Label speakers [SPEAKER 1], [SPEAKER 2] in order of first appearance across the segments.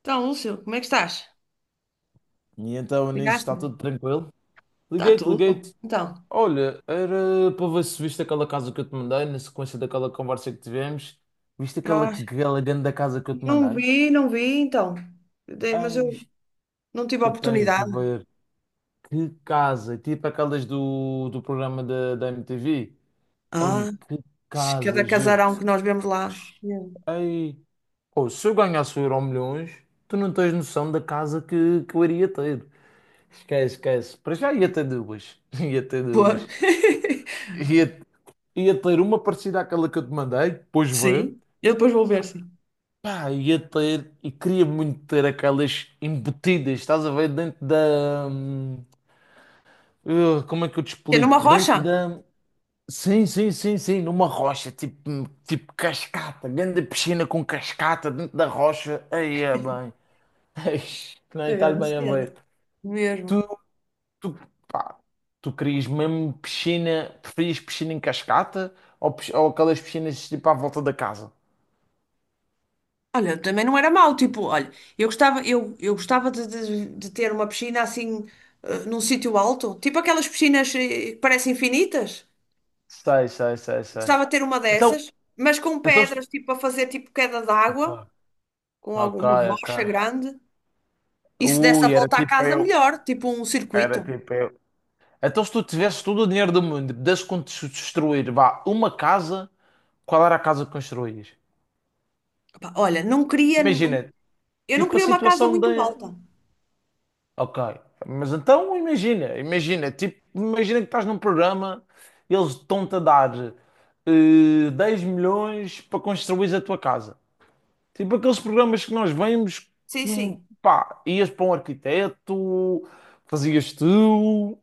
[SPEAKER 1] Então, Lúcio, como é que estás?
[SPEAKER 2] E então nisso está
[SPEAKER 1] Ligaste-me?
[SPEAKER 2] tudo tranquilo.
[SPEAKER 1] Está
[SPEAKER 2] Liguei-te,
[SPEAKER 1] tudo?
[SPEAKER 2] liguei-te.
[SPEAKER 1] Então.
[SPEAKER 2] Olha, era para ver se viste aquela casa que eu te mandei, na sequência daquela conversa que tivemos. Viste aquela,
[SPEAKER 1] Ah,
[SPEAKER 2] aquela grande casa que eu te
[SPEAKER 1] não
[SPEAKER 2] mandei?
[SPEAKER 1] vi, não vi, então. Mas
[SPEAKER 2] Ai,
[SPEAKER 1] eu não tive a
[SPEAKER 2] tu tens de
[SPEAKER 1] oportunidade.
[SPEAKER 2] ver. Que casa! Tipo aquelas do programa da MTV. Ei,
[SPEAKER 1] ah,
[SPEAKER 2] que casa,
[SPEAKER 1] cada casarão
[SPEAKER 2] juro-te.
[SPEAKER 1] que nós vemos lá. Não.
[SPEAKER 2] Ei, oh, se eu ganhasse o Euro Milhões, tu não tens noção da casa que eu iria ter. Esquece, esquece. Para já ia ter duas. Ia ter
[SPEAKER 1] Pô.
[SPEAKER 2] duas. ia ia ter uma parecida àquela que eu te mandei, depois vê.
[SPEAKER 1] Sim, eu depois vou ver, sim.
[SPEAKER 2] Pá, ia ter, e queria muito ter aquelas embutidas, estás a ver, dentro da. Como é que eu te
[SPEAKER 1] Que é numa
[SPEAKER 2] explico?
[SPEAKER 1] rocha?
[SPEAKER 2] Dentro da. Sim, sim, sim, sim, numa rocha, tipo, tipo cascata, grande piscina com cascata dentro da rocha. Aí é bem. Eish,
[SPEAKER 1] Que
[SPEAKER 2] nem estás
[SPEAKER 1] grande
[SPEAKER 2] bem a
[SPEAKER 1] cena.
[SPEAKER 2] ver.
[SPEAKER 1] Mesmo.
[SPEAKER 2] Tu, tu, pá, tu querias mesmo piscina, preferias piscina em cascata ou, ou aquelas piscinas tipo à volta da casa?
[SPEAKER 1] Olha, também não era mau, tipo, olha, eu gostava de ter uma piscina assim, num sítio alto, tipo aquelas piscinas que parecem infinitas.
[SPEAKER 2] Sei, sei, sei, sei.
[SPEAKER 1] Gostava de ter uma
[SPEAKER 2] Então,
[SPEAKER 1] dessas, mas com
[SPEAKER 2] então...
[SPEAKER 1] pedras,
[SPEAKER 2] estu-
[SPEAKER 1] tipo, a fazer tipo queda
[SPEAKER 2] ok,
[SPEAKER 1] d'água, com
[SPEAKER 2] ok,
[SPEAKER 1] alguma
[SPEAKER 2] ok.
[SPEAKER 1] rocha grande. E se desse a
[SPEAKER 2] Ui, era
[SPEAKER 1] volta à
[SPEAKER 2] tipo
[SPEAKER 1] casa,
[SPEAKER 2] eu.
[SPEAKER 1] melhor, tipo um
[SPEAKER 2] Era
[SPEAKER 1] circuito.
[SPEAKER 2] tipo eu. Então se tu tivesse todo o dinheiro do mundo, pudesse construir, vá, uma casa, qual era a casa que construías?
[SPEAKER 1] Opa, olha, não queria.
[SPEAKER 2] Imagina,
[SPEAKER 1] Eu não
[SPEAKER 2] tipo a
[SPEAKER 1] queria uma casa
[SPEAKER 2] situação da...
[SPEAKER 1] muito alta.
[SPEAKER 2] Ok. Mas então imagina, imagina, tipo, imagina que estás num programa, eles estão-te a dar 10 milhões para construir a tua casa. Tipo aqueles programas que nós vemos,
[SPEAKER 1] Sim,
[SPEAKER 2] com,
[SPEAKER 1] sim.
[SPEAKER 2] pá, ias para um arquiteto, fazias tu,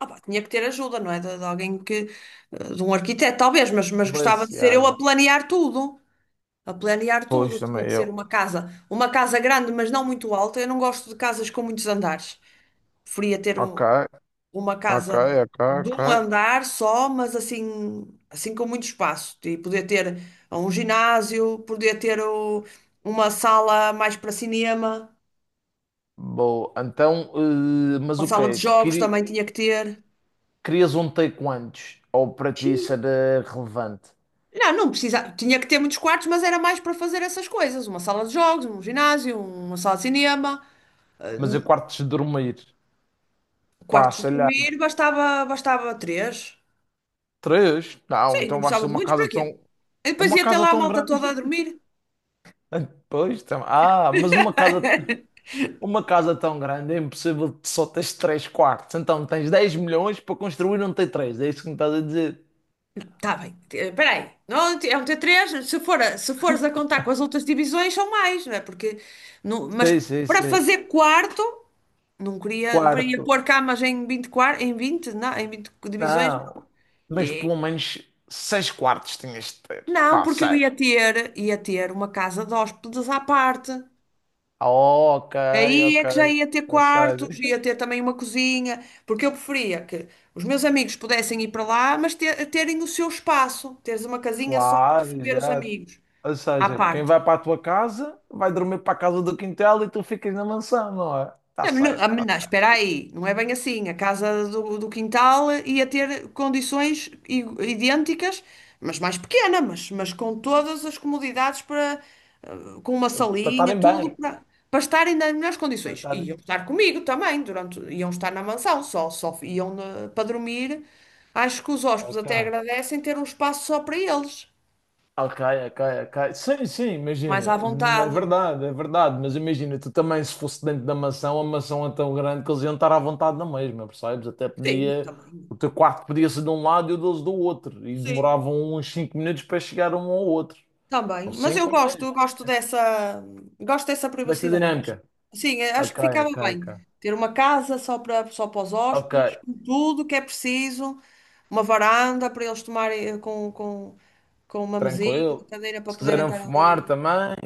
[SPEAKER 1] Opa, tinha que ter ajuda, não é? De alguém que. De um arquiteto, talvez, mas gostava
[SPEAKER 2] mas,
[SPEAKER 1] de ser
[SPEAKER 2] yeah,
[SPEAKER 1] eu
[SPEAKER 2] yeah.
[SPEAKER 1] a planear tudo. A planear
[SPEAKER 2] Pois
[SPEAKER 1] tudo. Tinha
[SPEAKER 2] também
[SPEAKER 1] que
[SPEAKER 2] eu.
[SPEAKER 1] ser uma casa. Uma casa grande, mas não muito alta. Eu não gosto de casas com muitos andares. Preferia ter
[SPEAKER 2] Ok,
[SPEAKER 1] uma
[SPEAKER 2] ok,
[SPEAKER 1] casa
[SPEAKER 2] ok,
[SPEAKER 1] de
[SPEAKER 2] ok.
[SPEAKER 1] um andar só, mas assim com muito espaço. E poder ter um ginásio, uma sala mais para cinema,
[SPEAKER 2] Boa. Então, mas
[SPEAKER 1] uma
[SPEAKER 2] o
[SPEAKER 1] sala de
[SPEAKER 2] quê?
[SPEAKER 1] jogos também tinha que ter.
[SPEAKER 2] Querias um take antes? Ou para ti isso
[SPEAKER 1] Xiii.
[SPEAKER 2] era relevante?
[SPEAKER 1] Não, não precisa, tinha que ter muitos quartos, mas era mais para fazer essas coisas, uma sala de jogos, um ginásio, uma sala de cinema.
[SPEAKER 2] Mas eu
[SPEAKER 1] Eh,
[SPEAKER 2] quartos de dormir? Pá,
[SPEAKER 1] Quartos
[SPEAKER 2] sei
[SPEAKER 1] de
[SPEAKER 2] lá.
[SPEAKER 1] dormir, bastava três.
[SPEAKER 2] Três? Não,
[SPEAKER 1] Sim, não
[SPEAKER 2] então vais
[SPEAKER 1] precisava
[SPEAKER 2] ter
[SPEAKER 1] de
[SPEAKER 2] uma
[SPEAKER 1] muitos, para
[SPEAKER 2] casa
[SPEAKER 1] quê?
[SPEAKER 2] tão.
[SPEAKER 1] E depois
[SPEAKER 2] Uma
[SPEAKER 1] ia ter
[SPEAKER 2] casa
[SPEAKER 1] lá a
[SPEAKER 2] tão
[SPEAKER 1] malta
[SPEAKER 2] grande.
[SPEAKER 1] toda a dormir.
[SPEAKER 2] Pois, mas uma casa. Uma casa tão grande é impossível de só teres 3 quartos. Então tens 10 milhões para construir um t três. É isso que me estás a dizer.
[SPEAKER 1] Tá bem, espera. Não, é um T3 se fores a contar com as outras divisões, são mais, não é? Porque, não, mas
[SPEAKER 2] Sim, sim,
[SPEAKER 1] para
[SPEAKER 2] sim.
[SPEAKER 1] fazer quarto, não queria, para ir
[SPEAKER 2] Quarto.
[SPEAKER 1] pôr camas em 20 quar- em 20 não, em 20 divisões.
[SPEAKER 2] Não. Mas
[SPEAKER 1] E-
[SPEAKER 2] pelo menos 6 quartos tinhas de ter.
[SPEAKER 1] não,
[SPEAKER 2] Pá,
[SPEAKER 1] porque eu
[SPEAKER 2] seis.
[SPEAKER 1] ia ter uma casa de hóspedes à parte.
[SPEAKER 2] Ah, ok,
[SPEAKER 1] Aí é
[SPEAKER 2] ok.
[SPEAKER 1] que já ia ter
[SPEAKER 2] Ou
[SPEAKER 1] quartos,
[SPEAKER 2] seja,
[SPEAKER 1] ia ter também uma cozinha, porque eu preferia que os meus amigos pudessem ir para lá, mas terem o seu espaço, teres uma casinha só para
[SPEAKER 2] claro,
[SPEAKER 1] receber os
[SPEAKER 2] exato.
[SPEAKER 1] amigos
[SPEAKER 2] Ou
[SPEAKER 1] à
[SPEAKER 2] seja, quem
[SPEAKER 1] parte.
[SPEAKER 2] vai para a tua casa vai dormir para a casa do quintal e tu ficas na mansão, não é? Está
[SPEAKER 1] Não, mas não,
[SPEAKER 2] certo,
[SPEAKER 1] mas não,
[SPEAKER 2] está
[SPEAKER 1] espera aí, não é bem assim. A casa do quintal ia ter condições idênticas, mas mais pequena, mas com todas as comodidades para, com uma
[SPEAKER 2] certo. Para
[SPEAKER 1] salinha,
[SPEAKER 2] estarem
[SPEAKER 1] tudo
[SPEAKER 2] bem.
[SPEAKER 1] para, para, estarem nas melhores
[SPEAKER 2] Para
[SPEAKER 1] condições. E
[SPEAKER 2] estarem...
[SPEAKER 1] iam estar comigo também, durante, iam estar na mansão, só iam para dormir. Acho que os hóspedes
[SPEAKER 2] Ok.
[SPEAKER 1] até agradecem ter um espaço só para eles,
[SPEAKER 2] Ok, ok, ok. Sim, sim,
[SPEAKER 1] mais à
[SPEAKER 2] imagina. Não. É
[SPEAKER 1] vontade.
[SPEAKER 2] verdade, é verdade. Mas imagina, tu também, se fosse dentro da mansão, a mansão é tão grande que eles iam estar à vontade na mesma, percebes? Até
[SPEAKER 1] Sim, eu
[SPEAKER 2] podia.
[SPEAKER 1] também.
[SPEAKER 2] O teu quarto podia ser de um lado e o deles do outro. E
[SPEAKER 1] Sim.
[SPEAKER 2] demoravam uns 5 minutos para chegar um ao outro.
[SPEAKER 1] Também,
[SPEAKER 2] Ou
[SPEAKER 1] mas
[SPEAKER 2] 5
[SPEAKER 1] eu
[SPEAKER 2] ou
[SPEAKER 1] gosto,
[SPEAKER 2] 10.
[SPEAKER 1] eu gosto dessa, gosto dessa
[SPEAKER 2] Desta
[SPEAKER 1] privacidade. Acho.
[SPEAKER 2] dinâmica.
[SPEAKER 1] Sim, acho
[SPEAKER 2] Ok,
[SPEAKER 1] que ficava
[SPEAKER 2] ok, ok.
[SPEAKER 1] bem ter uma casa só para os
[SPEAKER 2] Ok,
[SPEAKER 1] hóspedes, com tudo o que é preciso, uma varanda para eles tomarem com uma mesinha, uma
[SPEAKER 2] tranquilo.
[SPEAKER 1] cadeira para
[SPEAKER 2] Se
[SPEAKER 1] poderem
[SPEAKER 2] quiserem
[SPEAKER 1] estar
[SPEAKER 2] fumar
[SPEAKER 1] ali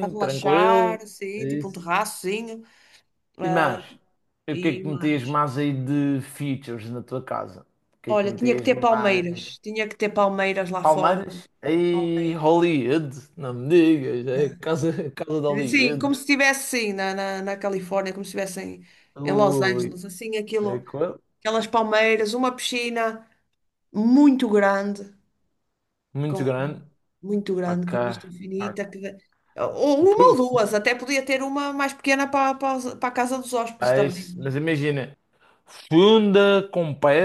[SPEAKER 1] a
[SPEAKER 2] tranquilo.
[SPEAKER 1] relaxar,
[SPEAKER 2] É
[SPEAKER 1] assim, tipo um
[SPEAKER 2] isso.
[SPEAKER 1] terraçozinho.
[SPEAKER 2] E
[SPEAKER 1] ah,
[SPEAKER 2] mais, e o que é
[SPEAKER 1] e
[SPEAKER 2] que metias
[SPEAKER 1] mais.
[SPEAKER 2] mais aí de features na tua casa? O que é que
[SPEAKER 1] Olha, tinha que
[SPEAKER 2] metias
[SPEAKER 1] ter
[SPEAKER 2] mais?
[SPEAKER 1] palmeiras, tinha que ter palmeiras lá fora,
[SPEAKER 2] Palmeiras? Aí,
[SPEAKER 1] palmeiras.
[SPEAKER 2] Hollywood, não me digas, é
[SPEAKER 1] Yeah.
[SPEAKER 2] a casa de
[SPEAKER 1] Sim, como
[SPEAKER 2] Hollywood.
[SPEAKER 1] se estivesse sim, na Califórnia, como se estivesse em Los
[SPEAKER 2] Ui,
[SPEAKER 1] Angeles, assim,
[SPEAKER 2] é
[SPEAKER 1] aquilo,
[SPEAKER 2] coisa
[SPEAKER 1] aquelas palmeiras, uma piscina muito grande,
[SPEAKER 2] muito
[SPEAKER 1] com,
[SPEAKER 2] grande.
[SPEAKER 1] muito grande,
[SPEAKER 2] Ok,
[SPEAKER 1] com vista
[SPEAKER 2] ok.
[SPEAKER 1] infinita, que, ou uma ou
[SPEAKER 2] Profundo.
[SPEAKER 1] duas, até podia ter uma mais pequena para a casa dos hóspedes
[SPEAKER 2] É
[SPEAKER 1] também.
[SPEAKER 2] isso. Mas imagina, funda com pé,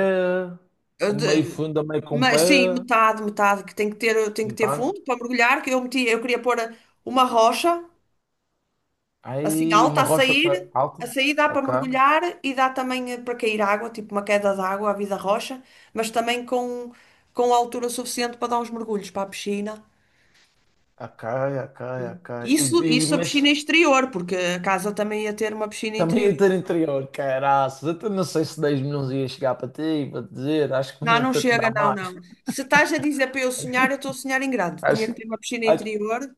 [SPEAKER 1] Eu
[SPEAKER 2] meio
[SPEAKER 1] de-
[SPEAKER 2] funda, meio com pé,
[SPEAKER 1] Mas sim, metade, metade, que tem que ter, tem que
[SPEAKER 2] não
[SPEAKER 1] ter
[SPEAKER 2] tá?
[SPEAKER 1] fundo para mergulhar, que eu meti, eu queria pôr uma rocha. Assim,
[SPEAKER 2] Aí
[SPEAKER 1] alta
[SPEAKER 2] uma
[SPEAKER 1] a
[SPEAKER 2] rocha
[SPEAKER 1] sair,
[SPEAKER 2] alta,
[SPEAKER 1] a sair dá para
[SPEAKER 2] ok.
[SPEAKER 1] mergulhar e dá também para cair água, tipo uma queda de água, à vida rocha, mas também com altura suficiente para dar uns mergulhos para a piscina.
[SPEAKER 2] A cai,
[SPEAKER 1] Sim.
[SPEAKER 2] a E,
[SPEAKER 1] Isso, isso a
[SPEAKER 2] mas
[SPEAKER 1] piscina exterior, porque a casa também ia ter uma piscina
[SPEAKER 2] também
[SPEAKER 1] interior.
[SPEAKER 2] ia ter interior, caraças. Eu até não sei
[SPEAKER 1] Sim.
[SPEAKER 2] se 10 milhões ia chegar para ti, para te dizer. Acho que
[SPEAKER 1] Não,
[SPEAKER 2] iam
[SPEAKER 1] não
[SPEAKER 2] ter-te
[SPEAKER 1] chega,
[SPEAKER 2] dar
[SPEAKER 1] não,
[SPEAKER 2] mais.
[SPEAKER 1] não. Se estás a dizer para eu sonhar, eu estou a sonhar em grande. Tinha que
[SPEAKER 2] Acho,
[SPEAKER 1] ter uma piscina
[SPEAKER 2] acho,
[SPEAKER 1] interior,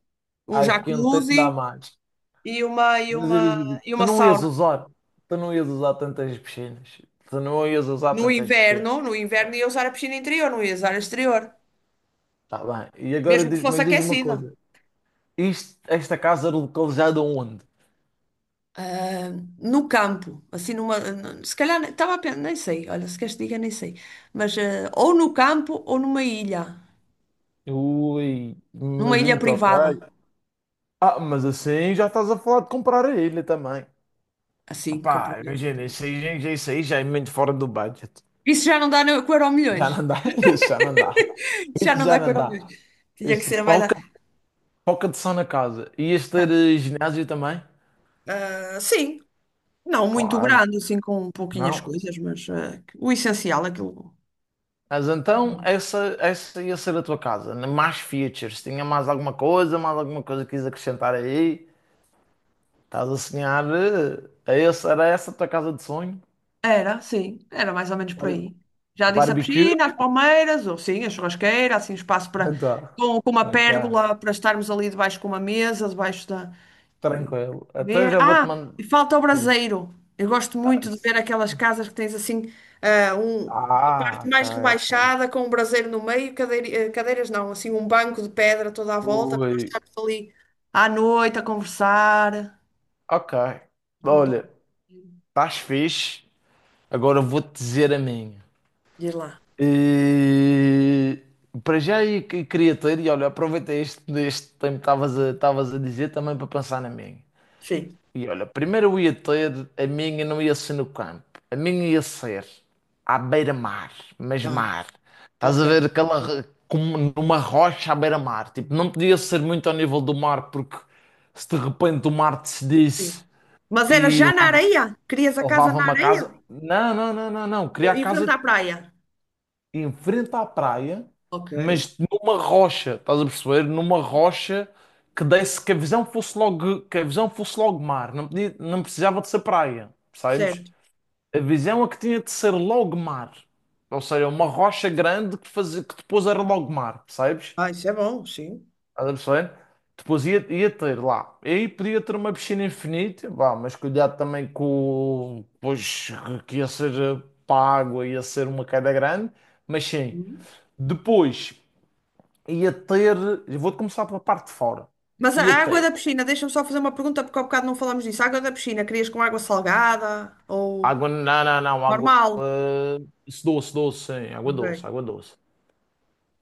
[SPEAKER 1] um
[SPEAKER 2] acho que iam ter-te dar
[SPEAKER 1] jacuzzi
[SPEAKER 2] mais.
[SPEAKER 1] e uma, e
[SPEAKER 2] Mas eu
[SPEAKER 1] uma,
[SPEAKER 2] digo,
[SPEAKER 1] e
[SPEAKER 2] tu
[SPEAKER 1] uma
[SPEAKER 2] não ias
[SPEAKER 1] sauna.
[SPEAKER 2] usar, tu não ias usar tantas piscinas. Tu não ias usar
[SPEAKER 1] No
[SPEAKER 2] tantas piscinas.
[SPEAKER 1] inverno, no inverno ia usar a piscina interior, não ia usar a exterior,
[SPEAKER 2] Tá bem. E agora
[SPEAKER 1] mesmo que
[SPEAKER 2] diz,
[SPEAKER 1] fosse
[SPEAKER 2] mas diz-me uma
[SPEAKER 1] aquecida.
[SPEAKER 2] coisa. Isto, esta casa era localizada onde?
[SPEAKER 1] ah, no campo, assim numa, se calhar estava a pensar, nem sei, olha, se queres que diga, nem sei, mas ou no campo ou
[SPEAKER 2] Ui,
[SPEAKER 1] numa
[SPEAKER 2] mas eu
[SPEAKER 1] ilha
[SPEAKER 2] me toquei.
[SPEAKER 1] privada,
[SPEAKER 2] Ah, mas assim já estás a falar de comprar a ilha também.
[SPEAKER 1] assim, comprar
[SPEAKER 2] Pá,
[SPEAKER 1] a ilha
[SPEAKER 2] imagina,
[SPEAKER 1] também.
[SPEAKER 2] isso aí já é muito fora do budget.
[SPEAKER 1] Isso já não dá com o
[SPEAKER 2] Já
[SPEAKER 1] Euromilhões,
[SPEAKER 2] não dá, isso já não dá.
[SPEAKER 1] já
[SPEAKER 2] Isso
[SPEAKER 1] não
[SPEAKER 2] já
[SPEAKER 1] dá com o
[SPEAKER 2] não
[SPEAKER 1] Euromilhões.
[SPEAKER 2] dá.
[SPEAKER 1] Tinha que
[SPEAKER 2] Isso,
[SPEAKER 1] ser mais,
[SPEAKER 2] pouca de som na casa. Ias ter ginásio também?
[SPEAKER 1] sim, não muito
[SPEAKER 2] Claro,
[SPEAKER 1] grande, assim, com pouquinhas
[SPEAKER 2] não.
[SPEAKER 1] coisas, mas o essencial, aquilo.
[SPEAKER 2] Mas então, essa ia ser a tua casa. Né? Mais features. Tinha mais alguma coisa que quis acrescentar aí? Estás a sonhar? Era essa a tua casa de sonho?
[SPEAKER 1] Era, sim, era mais ou menos por
[SPEAKER 2] Bar-
[SPEAKER 1] aí. Já disse a
[SPEAKER 2] Barbecue?
[SPEAKER 1] piscina, as palmeiras, ou sim, a churrasqueira, assim, espaço para
[SPEAKER 2] Então,
[SPEAKER 1] com uma
[SPEAKER 2] ok,
[SPEAKER 1] pérgola para estarmos ali debaixo com uma mesa, debaixo da
[SPEAKER 2] tranquilo. Então eu
[SPEAKER 1] ver.
[SPEAKER 2] já vou-te
[SPEAKER 1] Ah,
[SPEAKER 2] mandar.
[SPEAKER 1] e falta o braseiro. Eu gosto muito de ver aquelas casas que tens assim, um parte
[SPEAKER 2] Ah,
[SPEAKER 1] mais
[SPEAKER 2] cara, cara.
[SPEAKER 1] rebaixada, com um braseiro no meio, cadeiras não, assim, um banco de pedra toda à volta para nós
[SPEAKER 2] Oi.
[SPEAKER 1] estarmos ali à noite a conversar.
[SPEAKER 2] Ok.
[SPEAKER 1] Junto
[SPEAKER 2] Olha,
[SPEAKER 1] ao-
[SPEAKER 2] estás fixe. Agora eu vou-te dizer a minha.
[SPEAKER 1] Diz lá.
[SPEAKER 2] E... Para já eu queria ter, e olha, aproveitei este, este tempo que estavas a, estavas a dizer também para pensar na minha.
[SPEAKER 1] Sim.
[SPEAKER 2] E olha, primeiro eu ia ter, a minha não ia ser no campo, a minha ia ser à beira-mar, mas
[SPEAKER 1] Ah,
[SPEAKER 2] mar. Estás a
[SPEAKER 1] ok.
[SPEAKER 2] ver aquela, como numa rocha à beira-mar. Tipo, não podia ser muito ao nível do mar, porque se de repente o mar decidisse
[SPEAKER 1] Sim. Mas era
[SPEAKER 2] e
[SPEAKER 1] já na areia? Querias a casa na
[SPEAKER 2] levava-me a casa.
[SPEAKER 1] areia?
[SPEAKER 2] Não, não, não, não, não.
[SPEAKER 1] Ou
[SPEAKER 2] Queria a
[SPEAKER 1] em frente
[SPEAKER 2] casa
[SPEAKER 1] à praia?
[SPEAKER 2] em frente à praia,
[SPEAKER 1] Ok,
[SPEAKER 2] mas numa rocha, estás a perceber? Numa rocha que desse que a visão fosse logo, que a visão fosse logo mar, não precisava de ser praia, percebes?
[SPEAKER 1] certo.
[SPEAKER 2] A visão é que tinha de ser logo mar. Ou seja, uma rocha grande que, fazia, que depois era logo mar, percebes?
[SPEAKER 1] Ah, isso é bom, sim.
[SPEAKER 2] Estás a perceber? Depois ia ter lá. E aí podia ter uma piscina infinita, vá, mas cuidado também com. Pois que ia ser para a água, ia ser uma queda grande, mas sim.
[SPEAKER 1] Hum.
[SPEAKER 2] Depois ia ter. Vou começar pela parte de fora.
[SPEAKER 1] Mas a
[SPEAKER 2] Ia
[SPEAKER 1] a água
[SPEAKER 2] ter.
[SPEAKER 1] da piscina, deixa-me só fazer uma pergunta, porque há bocado não falámos disso. A água da piscina, querias com água salgada ou
[SPEAKER 2] Água. Não, não, não. Água.
[SPEAKER 1] normal?
[SPEAKER 2] Doce, doce, sim. Água
[SPEAKER 1] Ok,
[SPEAKER 2] doce, água doce.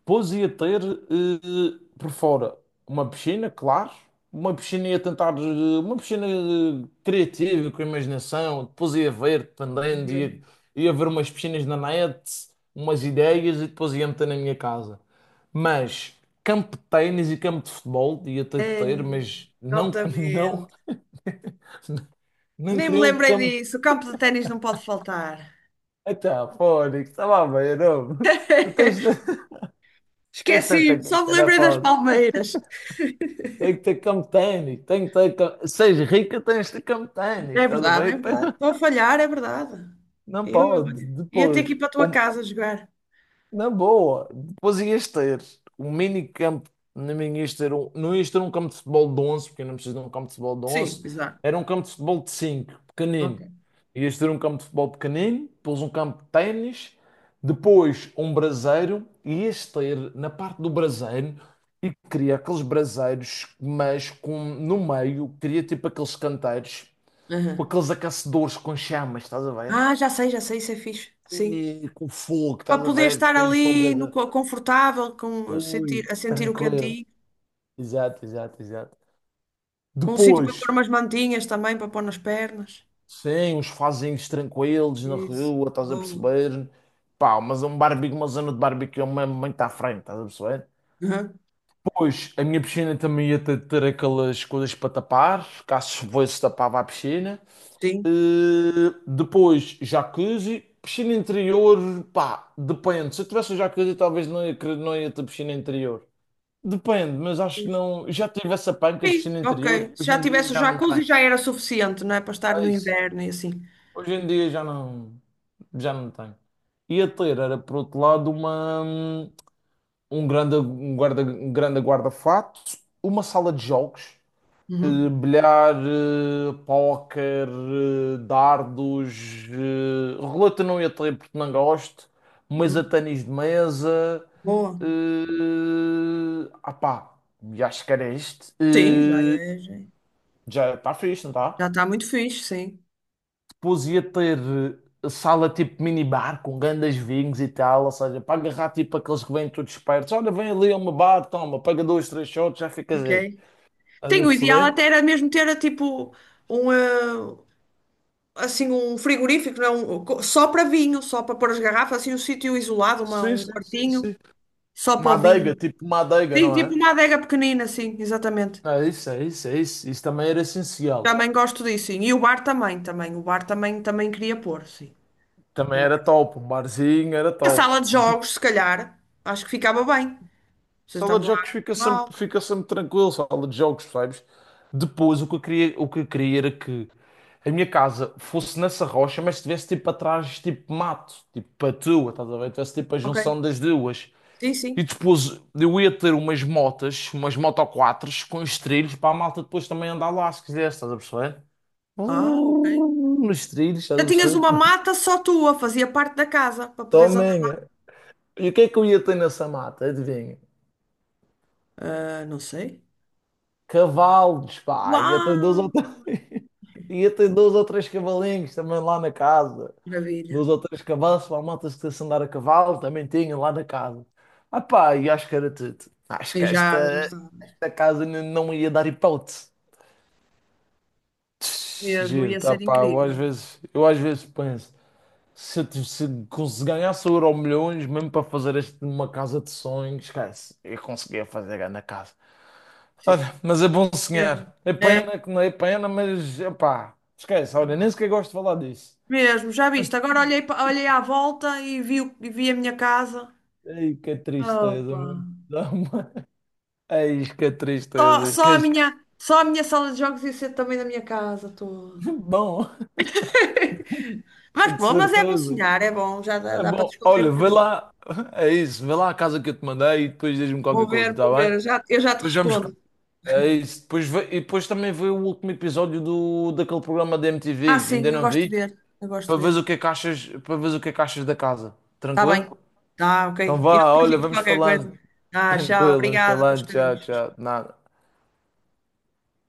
[SPEAKER 2] Pois ia ter por fora uma piscina, claro. Uma piscina ia tentar, uma piscina criativa, com imaginação. Depois ia ver, dependendo,
[SPEAKER 1] ok.
[SPEAKER 2] ia ver umas piscinas na net, umas ideias e depois ia meter na minha casa. Mas campo de ténis e campo de futebol ia ter, de ter,
[SPEAKER 1] Ei,
[SPEAKER 2] mas não, não,
[SPEAKER 1] altamente.
[SPEAKER 2] não
[SPEAKER 1] Nem me
[SPEAKER 2] queria um
[SPEAKER 1] lembrei
[SPEAKER 2] campo.
[SPEAKER 1] disso. O campo de ténis não pode faltar.
[SPEAKER 2] Até, Fónix, estava a ver, homem. Tu tens, tens tanta
[SPEAKER 1] Esqueci-me, só me
[SPEAKER 2] guita, não é,
[SPEAKER 1] lembrei das
[SPEAKER 2] pá?
[SPEAKER 1] palmeiras.
[SPEAKER 2] Tem que ter campo de ténis, tem que ter. Seis rica, tens de ter campo de ténis,
[SPEAKER 1] É
[SPEAKER 2] estás a
[SPEAKER 1] verdade, é
[SPEAKER 2] ver?
[SPEAKER 1] verdade.
[SPEAKER 2] Pá,
[SPEAKER 1] Estou a falhar, é verdade.
[SPEAKER 2] não
[SPEAKER 1] Eu
[SPEAKER 2] pode,
[SPEAKER 1] ia ter que ir
[SPEAKER 2] depois.
[SPEAKER 1] para a tua casa jogar.
[SPEAKER 2] Na boa, depois ias ter um mini campo, não ias ter um, não ias ter um campo de futebol de 11 porque eu não preciso de um campo de futebol de
[SPEAKER 1] Sim,
[SPEAKER 2] onze,
[SPEAKER 1] exato.
[SPEAKER 2] era um campo de futebol de 5,
[SPEAKER 1] Ok.
[SPEAKER 2] pequenino. Ias ter um campo de futebol pequenino, depois um campo de ténis, depois um braseiro, e ias ter na parte do braseiro, e queria aqueles braseiros, mas com, no meio, queria tipo aqueles canteiros, com
[SPEAKER 1] Aham.
[SPEAKER 2] aqueles aquecedores com chamas, estás a ver?
[SPEAKER 1] Ah, já sei, isso é fixe. Sim.
[SPEAKER 2] E com fogo,
[SPEAKER 1] Para
[SPEAKER 2] estás a
[SPEAKER 1] poder
[SPEAKER 2] ver?
[SPEAKER 1] estar
[SPEAKER 2] País para o
[SPEAKER 1] ali no,
[SPEAKER 2] Brasil.
[SPEAKER 1] co- confortável, sentir,
[SPEAKER 2] Ui,
[SPEAKER 1] a sentir o
[SPEAKER 2] tranquilo.
[SPEAKER 1] cantinho,
[SPEAKER 2] Exato, exato, exato.
[SPEAKER 1] com um sítio para pôr
[SPEAKER 2] Depois,
[SPEAKER 1] umas mantinhas também, para pôr nas pernas.
[SPEAKER 2] sim, os fazinhos tranquilos na
[SPEAKER 1] Isso.
[SPEAKER 2] rua, estás a
[SPEAKER 1] Boa.
[SPEAKER 2] perceber? Pá, mas é um barbecue, uma zona de barbecue mesmo muito à frente, estás a perceber?
[SPEAKER 1] Aham.
[SPEAKER 2] Depois, a minha piscina também ia ter, ter aquelas coisas para tapar, caso fosse tapava a piscina.
[SPEAKER 1] Sim.
[SPEAKER 2] Depois, jacuzzi, piscina interior, pá, depende. Se eu tivesse um jacuzzi, talvez não ia, não ia ter piscina interior. Depende, mas acho que
[SPEAKER 1] Pois.
[SPEAKER 2] não. Já tive essa panca de
[SPEAKER 1] Sim,
[SPEAKER 2] piscina
[SPEAKER 1] ok.
[SPEAKER 2] interior,
[SPEAKER 1] Se
[SPEAKER 2] hoje
[SPEAKER 1] já
[SPEAKER 2] em dia
[SPEAKER 1] tivesse o
[SPEAKER 2] já não
[SPEAKER 1] jacuzzi
[SPEAKER 2] tenho.
[SPEAKER 1] já era suficiente, não é? Para estar
[SPEAKER 2] É
[SPEAKER 1] no
[SPEAKER 2] isso.
[SPEAKER 1] inverno e assim.
[SPEAKER 2] Hoje em dia já não. Já não tenho. Ia ter, era por outro lado, uma, um grande, um guarda, um grande guarda-fato, uma sala de jogos.
[SPEAKER 1] Uhum.
[SPEAKER 2] Bilhar, póquer, dardos, roleta não ia ter porque não gosto, mas a
[SPEAKER 1] Uhum.
[SPEAKER 2] ténis de mesa,
[SPEAKER 1] Boa.
[SPEAKER 2] ah pá, e acho que era este.
[SPEAKER 1] Sim, já é, já é.
[SPEAKER 2] Já está fixe, não está?
[SPEAKER 1] Já está muito fixe, sim.
[SPEAKER 2] Depois ia ter sala tipo minibar com grandes vinhos e tal, ou seja, para agarrar tipo aqueles que vêm todos espertos, olha, vem ali a uma bar, toma, paga dois, três shots, já ficas aí.
[SPEAKER 1] Ok.
[SPEAKER 2] Estás a
[SPEAKER 1] Tem, o ideal
[SPEAKER 2] perceber?
[SPEAKER 1] até era mesmo ter tipo um assim um frigorífico, não, é? Só para vinho, só para pôr as garrafas, assim um sítio isolado, uma-
[SPEAKER 2] Sim,
[SPEAKER 1] um
[SPEAKER 2] sim, sim,
[SPEAKER 1] quartinho,
[SPEAKER 2] sim.
[SPEAKER 1] só para o vinho.
[SPEAKER 2] Manteiga, tipo manteiga,
[SPEAKER 1] Sim,
[SPEAKER 2] não é?
[SPEAKER 1] tipo uma adega pequenina, sim, exatamente.
[SPEAKER 2] É isso, é isso, é isso. Isso também era essencial.
[SPEAKER 1] Também gosto disso, sim. E o bar também, também. O bar também queria pôr, sim.
[SPEAKER 2] Também
[SPEAKER 1] Um
[SPEAKER 2] era
[SPEAKER 1] bar.
[SPEAKER 2] top. Um barzinho era
[SPEAKER 1] Uma
[SPEAKER 2] top.
[SPEAKER 1] sala de
[SPEAKER 2] De-
[SPEAKER 1] jogos, se calhar, acho que ficava bem. Vocês
[SPEAKER 2] Sala
[SPEAKER 1] estamos
[SPEAKER 2] de jogos
[SPEAKER 1] lá. Mal.
[SPEAKER 2] fica sempre tranquilo, sala de jogos, sabes? Depois o que eu queria, o que eu queria era que a minha casa fosse nessa rocha, mas tivesse tipo atrás, tipo mato, tipo a tua, estás a ver? Tivesse tipo a
[SPEAKER 1] Ok.
[SPEAKER 2] junção das duas.
[SPEAKER 1] Sim,
[SPEAKER 2] E
[SPEAKER 1] sim.
[SPEAKER 2] depois eu ia ter umas motas, umas moto com os trilhos para a malta depois também andar lá, se quisesse, estás a perceber?
[SPEAKER 1] Ah, ok.
[SPEAKER 2] Nos trilhos, estás
[SPEAKER 1] Já
[SPEAKER 2] a
[SPEAKER 1] tinhas
[SPEAKER 2] perceber?
[SPEAKER 1] uma mata só tua, fazia parte da casa, para poderes andar.
[SPEAKER 2] Tomem! E o que é que eu ia ter nessa mata? Adivinha?
[SPEAKER 1] Ah, não sei.
[SPEAKER 2] Cavalos, pá! Ia ter dois
[SPEAKER 1] Uau,
[SPEAKER 2] ou
[SPEAKER 1] que
[SPEAKER 2] três, ia ter dois ou três cavalinhos também lá na casa.
[SPEAKER 1] maravilha.
[SPEAKER 2] Dois ou três cavalos para a malta se quisesse andar a cavalo, também tinha lá na casa. Ah pá, e acho que era tudo. Acho que
[SPEAKER 1] Eu já, já estava.
[SPEAKER 2] esta casa não ia dar hipótese. Tch,
[SPEAKER 1] Mesmo,
[SPEAKER 2] giro,
[SPEAKER 1] ia
[SPEAKER 2] tá
[SPEAKER 1] ser
[SPEAKER 2] pá,
[SPEAKER 1] incrível.
[SPEAKER 2] eu às vezes penso. Se, eu tive- se cons- ganhasse o Euro milhões, mesmo para fazer este, uma casa de sonhos, esquece, eu conseguia fazer a na casa.
[SPEAKER 1] Sim,
[SPEAKER 2] Olha, mas é bom
[SPEAKER 1] mesmo.
[SPEAKER 2] sonhar. É
[SPEAKER 1] É,
[SPEAKER 2] pena que não é pena, mas epá, esquece, olha, nem sequer gosto de falar disso.
[SPEAKER 1] mesmo, já viste. Agora olhei à volta e vi a minha casa.
[SPEAKER 2] Ei, que tristeza,
[SPEAKER 1] Opa.
[SPEAKER 2] meu. Dá-me- Ei, que
[SPEAKER 1] Só,
[SPEAKER 2] tristeza.
[SPEAKER 1] só a
[SPEAKER 2] Esquece.
[SPEAKER 1] minha, só a minha sala de jogos ia ser também da minha casa toda.
[SPEAKER 2] Bom,
[SPEAKER 1] Mas
[SPEAKER 2] de
[SPEAKER 1] bom, mas é bom
[SPEAKER 2] certeza.
[SPEAKER 1] sonhar, é bom, já dá,
[SPEAKER 2] É
[SPEAKER 1] dá para
[SPEAKER 2] bom.
[SPEAKER 1] descontrair um
[SPEAKER 2] Olha, vê
[SPEAKER 1] bocadinho.
[SPEAKER 2] lá. É isso, vê lá a casa que eu te mandei e depois diz-me qualquer coisa, tá
[SPEAKER 1] Vou
[SPEAKER 2] bem?
[SPEAKER 1] ver, eu já te
[SPEAKER 2] Depois vamos,
[SPEAKER 1] respondo.
[SPEAKER 2] é isso. Depois, e depois também vê o último episódio daquele programa da MTV.
[SPEAKER 1] Ah,
[SPEAKER 2] Ainda
[SPEAKER 1] sim, eu
[SPEAKER 2] não
[SPEAKER 1] gosto de
[SPEAKER 2] vi.
[SPEAKER 1] ver, eu gosto de
[SPEAKER 2] Para ver
[SPEAKER 1] ver.
[SPEAKER 2] o que é que achas, para ver o que é que achas da casa.
[SPEAKER 1] Tá
[SPEAKER 2] Tranquilo?
[SPEAKER 1] bem. Tá
[SPEAKER 2] Então
[SPEAKER 1] ok. Eu
[SPEAKER 2] vá,
[SPEAKER 1] depois
[SPEAKER 2] olha,
[SPEAKER 1] digo
[SPEAKER 2] vamos
[SPEAKER 1] qualquer
[SPEAKER 2] falando.
[SPEAKER 1] coisa. Ah, tchau.
[SPEAKER 2] Tranquilo, vamos
[SPEAKER 1] Obrigada pelos
[SPEAKER 2] falando. Tchau,
[SPEAKER 1] bocadinhos.
[SPEAKER 2] tchau. Nada.